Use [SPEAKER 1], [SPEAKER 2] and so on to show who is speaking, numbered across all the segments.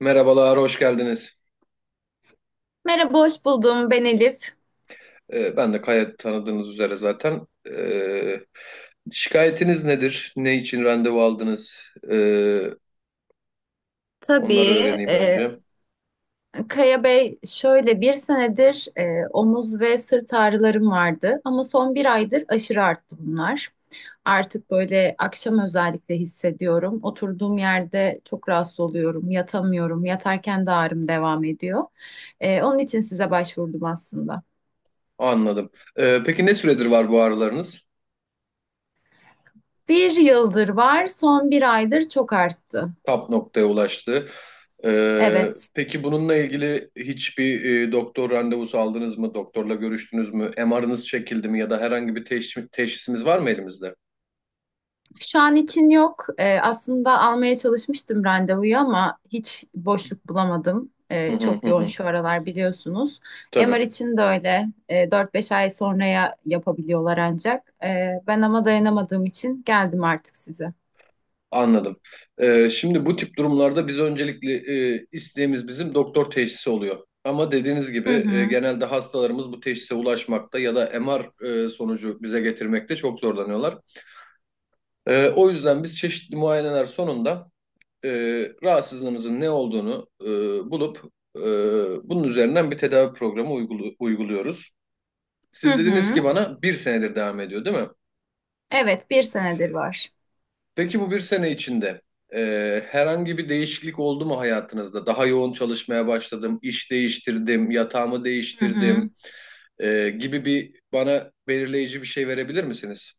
[SPEAKER 1] Merhabalar, hoş geldiniz.
[SPEAKER 2] Merhaba, hoş buldum. Ben Elif.
[SPEAKER 1] Ben de Kaya tanıdığınız üzere zaten. Şikayetiniz nedir? Ne için randevu aldınız? Ee, onları
[SPEAKER 2] Tabii.
[SPEAKER 1] öğreneyim
[SPEAKER 2] e,
[SPEAKER 1] önce.
[SPEAKER 2] Kaya Bey, şöyle bir senedir omuz ve sırt ağrılarım vardı ama son bir aydır aşırı arttı bunlar. Artık böyle akşam özellikle hissediyorum. Oturduğum yerde çok rahatsız oluyorum, yatamıyorum. Yatarken de ağrım devam ediyor. Onun için size başvurdum aslında.
[SPEAKER 1] Anladım. Peki ne süredir var bu ağrılarınız?
[SPEAKER 2] Bir yıldır var, son bir aydır çok arttı.
[SPEAKER 1] Tap noktaya ulaştı.
[SPEAKER 2] Evet.
[SPEAKER 1] Peki bununla ilgili hiçbir doktor randevusu aldınız mı? Doktorla görüştünüz mü? MR'ınız çekildi mi? Ya da herhangi bir teşhisimiz var mı elimizde?
[SPEAKER 2] Şu an için yok. Aslında almaya çalışmıştım randevuyu ama hiç boşluk bulamadım.
[SPEAKER 1] Hı hı
[SPEAKER 2] Çok
[SPEAKER 1] hı,
[SPEAKER 2] yoğun
[SPEAKER 1] hı.
[SPEAKER 2] şu aralar biliyorsunuz.
[SPEAKER 1] Tabii.
[SPEAKER 2] MR için de öyle. 4-5 ay sonraya yapabiliyorlar ancak. Ben ama dayanamadığım için geldim artık size.
[SPEAKER 1] Anladım. Şimdi bu tip durumlarda biz öncelikli isteğimiz bizim doktor teşhisi oluyor. Ama dediğiniz
[SPEAKER 2] Hı
[SPEAKER 1] gibi
[SPEAKER 2] hı.
[SPEAKER 1] genelde hastalarımız bu teşhise ulaşmakta ya da MR sonucu bize getirmekte çok zorlanıyorlar. O yüzden biz çeşitli muayeneler sonunda e, rahatsızlığınızın ne olduğunu bulup e, bunun üzerinden bir tedavi programı uyguluyoruz.
[SPEAKER 2] Hı
[SPEAKER 1] Siz dediniz ki
[SPEAKER 2] hı.
[SPEAKER 1] bana bir senedir devam ediyor, değil mi?
[SPEAKER 2] Evet, bir senedir var.
[SPEAKER 1] Peki bu bir sene içinde e, herhangi bir değişiklik oldu mu hayatınızda? Daha yoğun çalışmaya başladım, iş değiştirdim, yatağımı
[SPEAKER 2] Hı hı.
[SPEAKER 1] değiştirdim gibi bir bana belirleyici bir şey verebilir misiniz?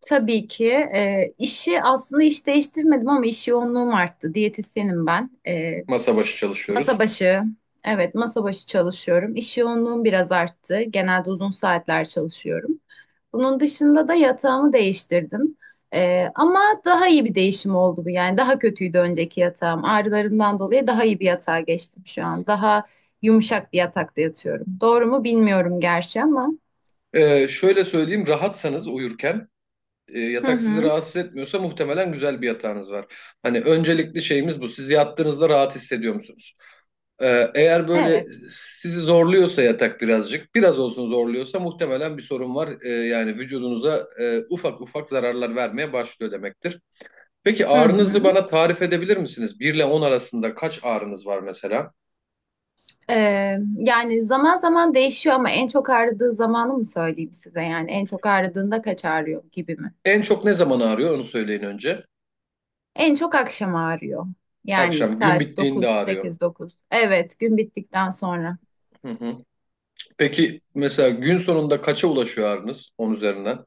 [SPEAKER 2] Tabii ki. İşi aslında iş değiştirmedim ama iş yoğunluğum arttı. Diyetisyenim ben.
[SPEAKER 1] Masa başı
[SPEAKER 2] Masa
[SPEAKER 1] çalışıyoruz.
[SPEAKER 2] başı. Evet, masa başı çalışıyorum. İş yoğunluğum biraz arttı. Genelde uzun saatler çalışıyorum. Bunun dışında da yatağımı değiştirdim. Ama daha iyi bir değişim oldu bu. Yani daha kötüydü önceki yatağım. Ağrılarımdan dolayı daha iyi bir yatağa geçtim şu an. Daha yumuşak bir yatakta yatıyorum. Doğru mu bilmiyorum gerçi ama.
[SPEAKER 1] Şöyle söyleyeyim, rahatsanız uyurken
[SPEAKER 2] Hı
[SPEAKER 1] yatak sizi
[SPEAKER 2] hı.
[SPEAKER 1] rahatsız etmiyorsa muhtemelen güzel bir yatağınız var. Hani öncelikli şeyimiz bu. Siz yattığınızda rahat hissediyor musunuz? Eğer böyle
[SPEAKER 2] Evet.
[SPEAKER 1] sizi zorluyorsa yatak birazcık, biraz olsun zorluyorsa muhtemelen bir sorun var. Yani vücudunuza ufak ufak zararlar vermeye başlıyor demektir. Peki
[SPEAKER 2] Hı
[SPEAKER 1] ağrınızı
[SPEAKER 2] hı.
[SPEAKER 1] bana tarif edebilir misiniz? Bir ile 10 arasında kaç ağrınız var mesela?
[SPEAKER 2] Yani zaman zaman değişiyor ama en çok ağrıdığı zamanı mı söyleyeyim size? Yani en çok ağrıdığında kaç ağrıyor gibi mi?
[SPEAKER 1] En çok ne zaman ağrıyor onu söyleyin önce.
[SPEAKER 2] En çok akşam ağrıyor. Yani
[SPEAKER 1] Akşam gün
[SPEAKER 2] saat
[SPEAKER 1] bittiğinde
[SPEAKER 2] dokuz,
[SPEAKER 1] ağrıyor.
[SPEAKER 2] 8 9. Evet, gün bittikten sonra.
[SPEAKER 1] Hı hı. Peki mesela gün sonunda kaça ulaşıyor ağrınız 10 üzerinden?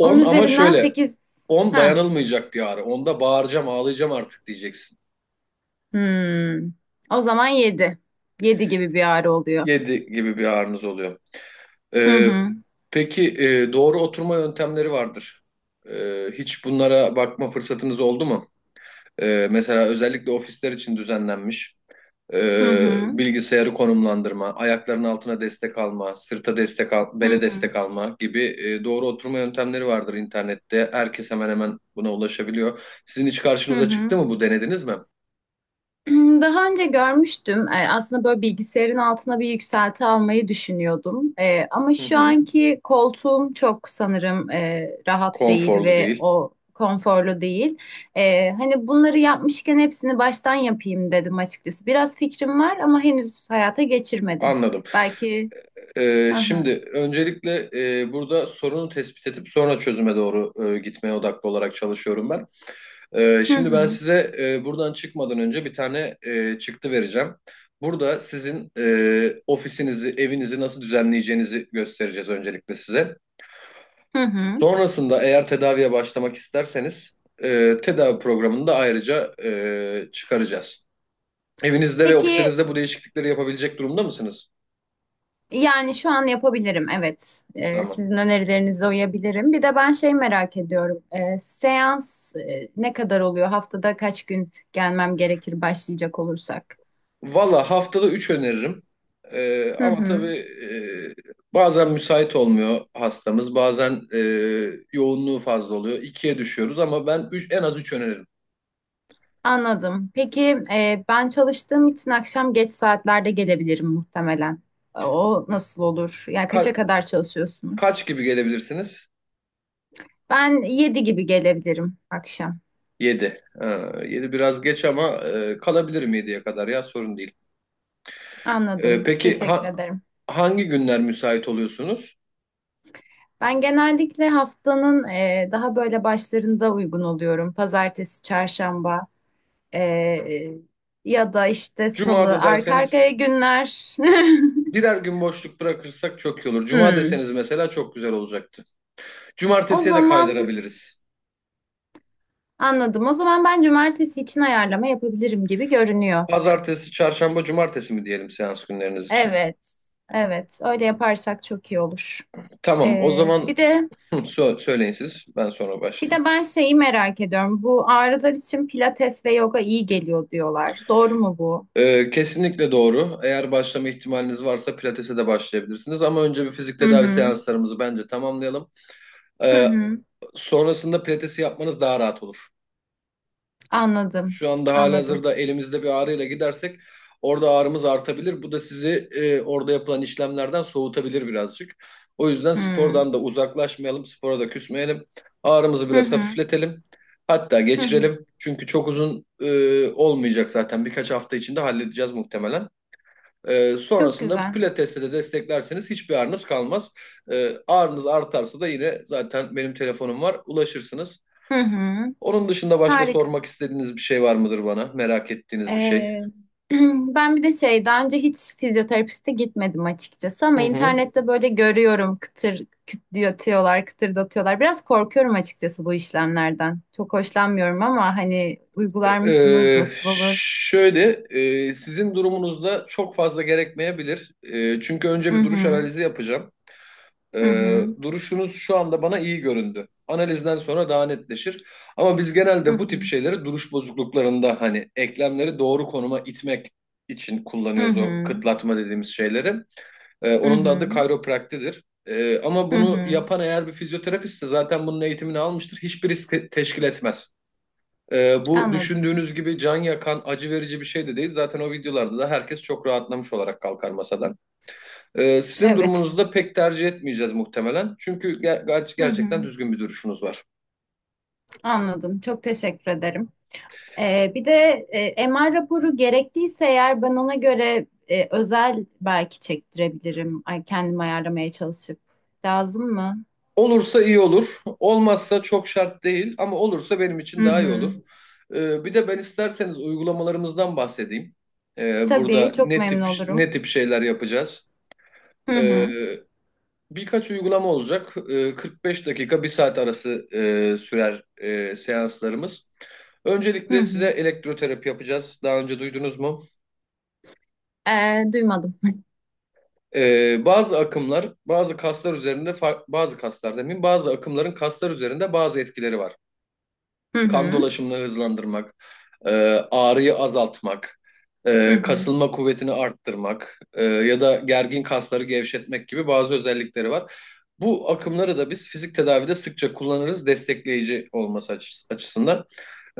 [SPEAKER 2] Onun
[SPEAKER 1] ama
[SPEAKER 2] üzerinden
[SPEAKER 1] şöyle
[SPEAKER 2] 8.
[SPEAKER 1] 10
[SPEAKER 2] Ha.
[SPEAKER 1] dayanılmayacak bir ağrı. 10'da bağıracağım, ağlayacağım artık diyeceksin.
[SPEAKER 2] Hmm. O zaman 7. 7 gibi bir ağrı oluyor.
[SPEAKER 1] 7 gibi bir ağrınız oluyor.
[SPEAKER 2] Hı
[SPEAKER 1] Ee,
[SPEAKER 2] hı.
[SPEAKER 1] peki doğru oturma yöntemleri vardır. Hiç bunlara bakma fırsatınız oldu mu? Mesela özellikle ofisler için düzenlenmiş.
[SPEAKER 2] Hı hı.
[SPEAKER 1] Bilgisayarı konumlandırma, ayakların altına destek alma, sırta destek al,
[SPEAKER 2] Hı
[SPEAKER 1] bele
[SPEAKER 2] hı.
[SPEAKER 1] destek alma gibi doğru oturma yöntemleri vardır internette. Herkes hemen hemen buna ulaşabiliyor. Sizin hiç
[SPEAKER 2] Hı
[SPEAKER 1] karşınıza çıktı
[SPEAKER 2] hı.
[SPEAKER 1] mı bu denediniz mi?
[SPEAKER 2] Hmm, daha önce görmüştüm. Aslında böyle bilgisayarın altına bir yükselti almayı düşünüyordum. Ama
[SPEAKER 1] Hı
[SPEAKER 2] şu
[SPEAKER 1] hı.
[SPEAKER 2] anki koltuğum çok sanırım rahat değil
[SPEAKER 1] Konforlu
[SPEAKER 2] ve
[SPEAKER 1] değil.
[SPEAKER 2] o konforlu değil. Hani bunları yapmışken hepsini baştan yapayım dedim açıkçası. Biraz fikrim var ama henüz hayata geçirmedim.
[SPEAKER 1] Anladım.
[SPEAKER 2] Belki. Hı
[SPEAKER 1] Şimdi
[SPEAKER 2] hı.
[SPEAKER 1] öncelikle burada sorunu tespit edip sonra çözüme doğru gitmeye odaklı olarak çalışıyorum ben.
[SPEAKER 2] Hı
[SPEAKER 1] Şimdi ben
[SPEAKER 2] hı.
[SPEAKER 1] size buradan çıkmadan önce bir tane çıktı vereceğim. Burada sizin ofisinizi, evinizi nasıl düzenleyeceğinizi göstereceğiz öncelikle size.
[SPEAKER 2] Hı hı.
[SPEAKER 1] Sonrasında eğer tedaviye başlamak isterseniz tedavi programını da ayrıca çıkaracağız. Evinizde ve
[SPEAKER 2] Peki.
[SPEAKER 1] ofisinizde bu değişiklikleri yapabilecek durumda mısınız?
[SPEAKER 2] Yani şu an yapabilirim, evet.
[SPEAKER 1] Tamam.
[SPEAKER 2] Sizin önerilerinize uyabilirim. Bir de ben şey merak ediyorum. Seans ne kadar oluyor? Haftada kaç gün gelmem gerekir başlayacak olursak?
[SPEAKER 1] Valla haftada 3 öneririm.
[SPEAKER 2] Hı
[SPEAKER 1] Ama tabii
[SPEAKER 2] hı,
[SPEAKER 1] bazen müsait olmuyor hastamız. Bazen yoğunluğu fazla oluyor. İkiye düşüyoruz ama ben üç, en az 3 öneririm.
[SPEAKER 2] anladım. Peki, ben çalıştığım için akşam geç saatlerde gelebilirim muhtemelen. O nasıl olur? Yani kaça
[SPEAKER 1] Ka-
[SPEAKER 2] kadar çalışıyorsunuz?
[SPEAKER 1] kaç gibi gelebilirsiniz?
[SPEAKER 2] Ben 7 gibi gelebilirim akşam.
[SPEAKER 1] 7. 7 biraz geç ama kalabilirim 7'ye kadar ya sorun değil.
[SPEAKER 2] Anladım.
[SPEAKER 1] Peki
[SPEAKER 2] Teşekkür ederim.
[SPEAKER 1] hangi günler müsait oluyorsunuz?
[SPEAKER 2] Ben genellikle haftanın daha böyle başlarında uygun oluyorum. Pazartesi, çarşamba, e, e, ya da işte salı,
[SPEAKER 1] Cuma'da
[SPEAKER 2] arka
[SPEAKER 1] derseniz
[SPEAKER 2] arkaya günler.
[SPEAKER 1] birer gün boşluk bırakırsak çok iyi olur. Cuma
[SPEAKER 2] Hmm.
[SPEAKER 1] deseniz mesela çok güzel olacaktı.
[SPEAKER 2] O
[SPEAKER 1] Cumartesiye de
[SPEAKER 2] zaman
[SPEAKER 1] kaydırabiliriz.
[SPEAKER 2] anladım. O zaman ben cumartesi için ayarlama yapabilirim gibi görünüyor.
[SPEAKER 1] Pazartesi, çarşamba, cumartesi mi diyelim seans günleriniz için?
[SPEAKER 2] Evet, evet. Öyle yaparsak çok iyi olur.
[SPEAKER 1] Tamam, o
[SPEAKER 2] E,
[SPEAKER 1] zaman
[SPEAKER 2] bir de
[SPEAKER 1] söyleyin siz. Ben sonra
[SPEAKER 2] bir de
[SPEAKER 1] başlayayım.
[SPEAKER 2] ben şeyi merak ediyorum. Bu ağrılar için pilates ve yoga iyi geliyor diyorlar. Doğru mu bu?
[SPEAKER 1] Kesinlikle doğru. Eğer başlama ihtimaliniz varsa pilatese de başlayabilirsiniz. Ama önce bir fizik
[SPEAKER 2] Hı
[SPEAKER 1] tedavi
[SPEAKER 2] hı.
[SPEAKER 1] seanslarımızı bence tamamlayalım.
[SPEAKER 2] Hı
[SPEAKER 1] Ee,
[SPEAKER 2] hı.
[SPEAKER 1] sonrasında pilatesi yapmanız daha rahat olur.
[SPEAKER 2] Anladım.
[SPEAKER 1] Şu anda
[SPEAKER 2] Anladım.
[SPEAKER 1] halihazırda elimizde bir ağrıyla gidersek orada ağrımız artabilir. Bu da sizi orada yapılan işlemlerden soğutabilir birazcık. O yüzden
[SPEAKER 2] Hmm.
[SPEAKER 1] spordan da uzaklaşmayalım, spora da küsmeyelim. Ağrımızı
[SPEAKER 2] Hı
[SPEAKER 1] biraz
[SPEAKER 2] hı.
[SPEAKER 1] hafifletelim. Hatta
[SPEAKER 2] Hı hı.
[SPEAKER 1] geçirelim. Çünkü çok uzun olmayacak zaten. Birkaç hafta içinde halledeceğiz muhtemelen.
[SPEAKER 2] Çok
[SPEAKER 1] Sonrasında
[SPEAKER 2] güzel.
[SPEAKER 1] pilatesle de desteklerseniz hiçbir ağrınız kalmaz. Ağrınız artarsa da yine zaten benim telefonum var. Ulaşırsınız.
[SPEAKER 2] Hı hı.
[SPEAKER 1] Onun dışında başka
[SPEAKER 2] Harika.
[SPEAKER 1] sormak istediğiniz bir şey var mıdır bana? Merak ettiğiniz bir şey?
[SPEAKER 2] Ee, ben bir de şey, daha önce hiç fizyoterapiste gitmedim açıkçası
[SPEAKER 1] Hı
[SPEAKER 2] ama
[SPEAKER 1] hı.
[SPEAKER 2] internette böyle görüyorum kıtır kütletiyorlar, kıtırdatıyorlar. Biraz korkuyorum açıkçası bu işlemlerden. Çok hoşlanmıyorum ama hani uygular mısınız? Nasıl olur?
[SPEAKER 1] Şöyle, sizin durumunuzda çok fazla gerekmeyebilir. Çünkü önce
[SPEAKER 2] Hı
[SPEAKER 1] bir duruş
[SPEAKER 2] hı.
[SPEAKER 1] analizi yapacağım.
[SPEAKER 2] Hı hı.
[SPEAKER 1] Duruşunuz şu anda bana iyi göründü. Analizden sonra daha netleşir. Ama biz
[SPEAKER 2] Hı
[SPEAKER 1] genelde bu
[SPEAKER 2] hı.
[SPEAKER 1] tip şeyleri duruş bozukluklarında hani eklemleri doğru konuma itmek için
[SPEAKER 2] Hı
[SPEAKER 1] kullanıyoruz o
[SPEAKER 2] hı.
[SPEAKER 1] kıtlatma dediğimiz şeyleri.
[SPEAKER 2] Hı
[SPEAKER 1] Onun da
[SPEAKER 2] hı.
[SPEAKER 1] adı kayropraktidir. Ama
[SPEAKER 2] Hı
[SPEAKER 1] bunu
[SPEAKER 2] hı.
[SPEAKER 1] yapan eğer bir fizyoterapistse zaten bunun eğitimini almıştır. Hiçbir risk teşkil etmez. Bu
[SPEAKER 2] Anladım.
[SPEAKER 1] düşündüğünüz gibi can yakan, acı verici bir şey de değil. Zaten o videolarda da herkes çok rahatlamış olarak kalkar masadan. Sizin
[SPEAKER 2] Evet.
[SPEAKER 1] durumunuzda pek tercih etmeyeceğiz muhtemelen. Çünkü
[SPEAKER 2] Hı
[SPEAKER 1] gerçekten
[SPEAKER 2] hı.
[SPEAKER 1] düzgün bir duruşunuz var.
[SPEAKER 2] Anladım. Çok teşekkür ederim. Bir de MR raporu gerektiyse eğer ben ona göre, özel belki çektirebilirim. Ay, kendim ayarlamaya çalışıp. Lazım mı?
[SPEAKER 1] Olursa iyi olur. Olmazsa çok şart değil ama olursa benim için
[SPEAKER 2] Hı
[SPEAKER 1] daha iyi olur.
[SPEAKER 2] hı.
[SPEAKER 1] Bir de ben isterseniz uygulamalarımızdan bahsedeyim.
[SPEAKER 2] Tabii
[SPEAKER 1] Burada
[SPEAKER 2] çok
[SPEAKER 1] ne
[SPEAKER 2] memnun
[SPEAKER 1] tip
[SPEAKER 2] olurum.
[SPEAKER 1] ne tip şeyler yapacağız?
[SPEAKER 2] Hı
[SPEAKER 1] Ee,
[SPEAKER 2] hı.
[SPEAKER 1] birkaç uygulama olacak. 45 dakika bir saat arası sürer seanslarımız.
[SPEAKER 2] Hı
[SPEAKER 1] Öncelikle size
[SPEAKER 2] hı.
[SPEAKER 1] elektroterapi yapacağız. Daha önce duydunuz mu?
[SPEAKER 2] Duymadım.
[SPEAKER 1] Bazı akımlar, bazı kaslar üzerinde, bazı kaslar demeyeyim, bazı akımların kaslar üzerinde bazı etkileri var,
[SPEAKER 2] Hı
[SPEAKER 1] kan
[SPEAKER 2] hı.
[SPEAKER 1] dolaşımını hızlandırmak, e, ağrıyı azaltmak,
[SPEAKER 2] Hı hı.
[SPEAKER 1] kasılma kuvvetini arttırmak ya da gergin kasları gevşetmek gibi bazı özellikleri var. Bu akımları da biz fizik tedavide sıkça kullanırız destekleyici olması açısından.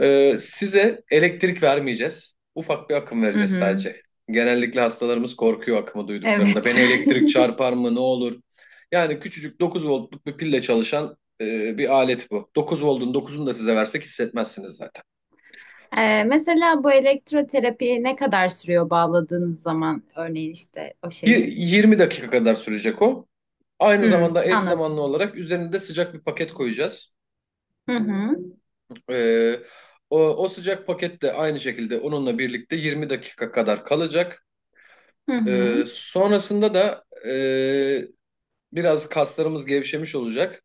[SPEAKER 1] Size elektrik vermeyeceğiz. Ufak bir akım
[SPEAKER 2] Hı
[SPEAKER 1] vereceğiz
[SPEAKER 2] hı.
[SPEAKER 1] sadece. Genellikle hastalarımız korkuyor akımı duyduklarında.
[SPEAKER 2] Evet.
[SPEAKER 1] Beni elektrik çarpar mı, ne olur? Yani küçücük 9 voltluk bir pille çalışan bir alet bu. 9 voltun 9'unu da size versek hissetmezsiniz zaten.
[SPEAKER 2] Mesela bu elektroterapi ne kadar sürüyor bağladığınız zaman, örneğin işte o şeyi?
[SPEAKER 1] 20 dakika kadar sürecek o. Aynı
[SPEAKER 2] Hı,
[SPEAKER 1] zamanda eş
[SPEAKER 2] anladım.
[SPEAKER 1] zamanlı olarak üzerinde sıcak bir paket koyacağız.
[SPEAKER 2] Hı hı.
[SPEAKER 1] E, o sıcak paket de aynı şekilde onunla birlikte 20 dakika kadar kalacak.
[SPEAKER 2] Hı hı.
[SPEAKER 1] Sonrasında da e, biraz kaslarımız gevşemiş olacak.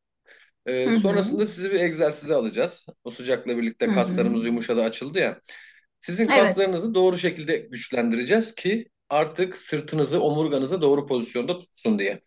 [SPEAKER 2] Hı hı.
[SPEAKER 1] Sonrasında sizi bir egzersize alacağız. O sıcakla
[SPEAKER 2] Hı
[SPEAKER 1] birlikte
[SPEAKER 2] hı.
[SPEAKER 1] kaslarımız yumuşadı, açıldı ya. Sizin
[SPEAKER 2] Evet,
[SPEAKER 1] kaslarınızı doğru şekilde güçlendireceğiz ki artık sırtınızı, omurganızı doğru pozisyonda tutsun diye.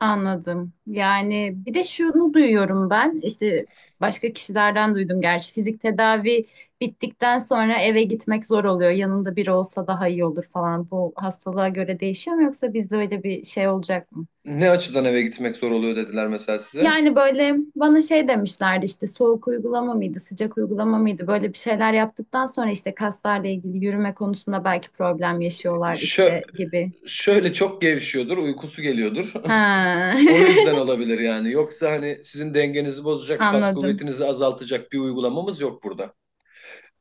[SPEAKER 2] anladım. Yani bir de şunu duyuyorum ben, işte başka kişilerden duydum gerçi. Fizik tedavi bittikten sonra eve gitmek zor oluyor. Yanında biri olsa daha iyi olur falan. Bu hastalığa göre değişiyor mu yoksa bizde öyle bir şey olacak mı?
[SPEAKER 1] Ne açıdan eve gitmek zor oluyor dediler mesela size.
[SPEAKER 2] Yani böyle bana şey demişlerdi, işte soğuk uygulama mıydı, sıcak uygulama mıydı? Böyle bir şeyler yaptıktan sonra işte kaslarla ilgili yürüme konusunda belki problem yaşıyorlar
[SPEAKER 1] Şö
[SPEAKER 2] işte gibi.
[SPEAKER 1] şöyle çok gevşiyordur, uykusu geliyordur.
[SPEAKER 2] Ha.
[SPEAKER 1] O yüzden olabilir yani. Yoksa hani sizin dengenizi bozacak, kas
[SPEAKER 2] Anladım,
[SPEAKER 1] kuvvetinizi azaltacak bir uygulamamız yok burada.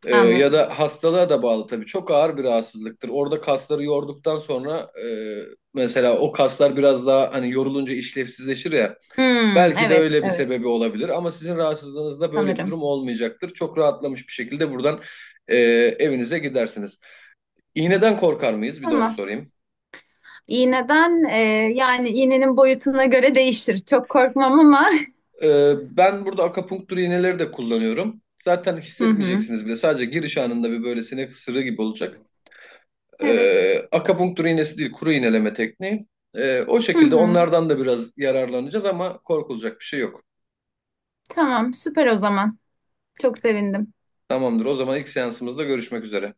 [SPEAKER 1] Ya
[SPEAKER 2] anladım.
[SPEAKER 1] da hastalığa da bağlı tabii. Çok ağır bir rahatsızlıktır. Orada kasları yorduktan sonra mesela o kaslar biraz daha hani yorulunca işlevsizleşir ya.
[SPEAKER 2] Hmm,
[SPEAKER 1] Belki de
[SPEAKER 2] evet,
[SPEAKER 1] öyle bir
[SPEAKER 2] evet
[SPEAKER 1] sebebi olabilir ama sizin rahatsızlığınızda böyle bir
[SPEAKER 2] sanırım.
[SPEAKER 1] durum olmayacaktır. Çok rahatlamış bir şekilde buradan e, evinize gidersiniz. İğneden korkar mıyız? Bir de onu
[SPEAKER 2] Tamam.
[SPEAKER 1] sorayım.
[SPEAKER 2] İğneden, yani iğnenin boyutuna göre değişir. Çok korkmam ama.
[SPEAKER 1] Ben burada akupunktur iğneleri de kullanıyorum. Zaten
[SPEAKER 2] Hı hı.
[SPEAKER 1] hissetmeyeceksiniz bile. Sadece giriş anında bir böyle sinek ısırığı gibi olacak.
[SPEAKER 2] Evet.
[SPEAKER 1] Akapunktur iğnesi değil, kuru iğneleme tekniği. O
[SPEAKER 2] Hı
[SPEAKER 1] şekilde
[SPEAKER 2] hı.
[SPEAKER 1] onlardan da biraz yararlanacağız ama korkulacak bir şey yok.
[SPEAKER 2] Tamam, süper o zaman. Çok sevindim.
[SPEAKER 1] Tamamdır. O zaman ilk seansımızda görüşmek üzere.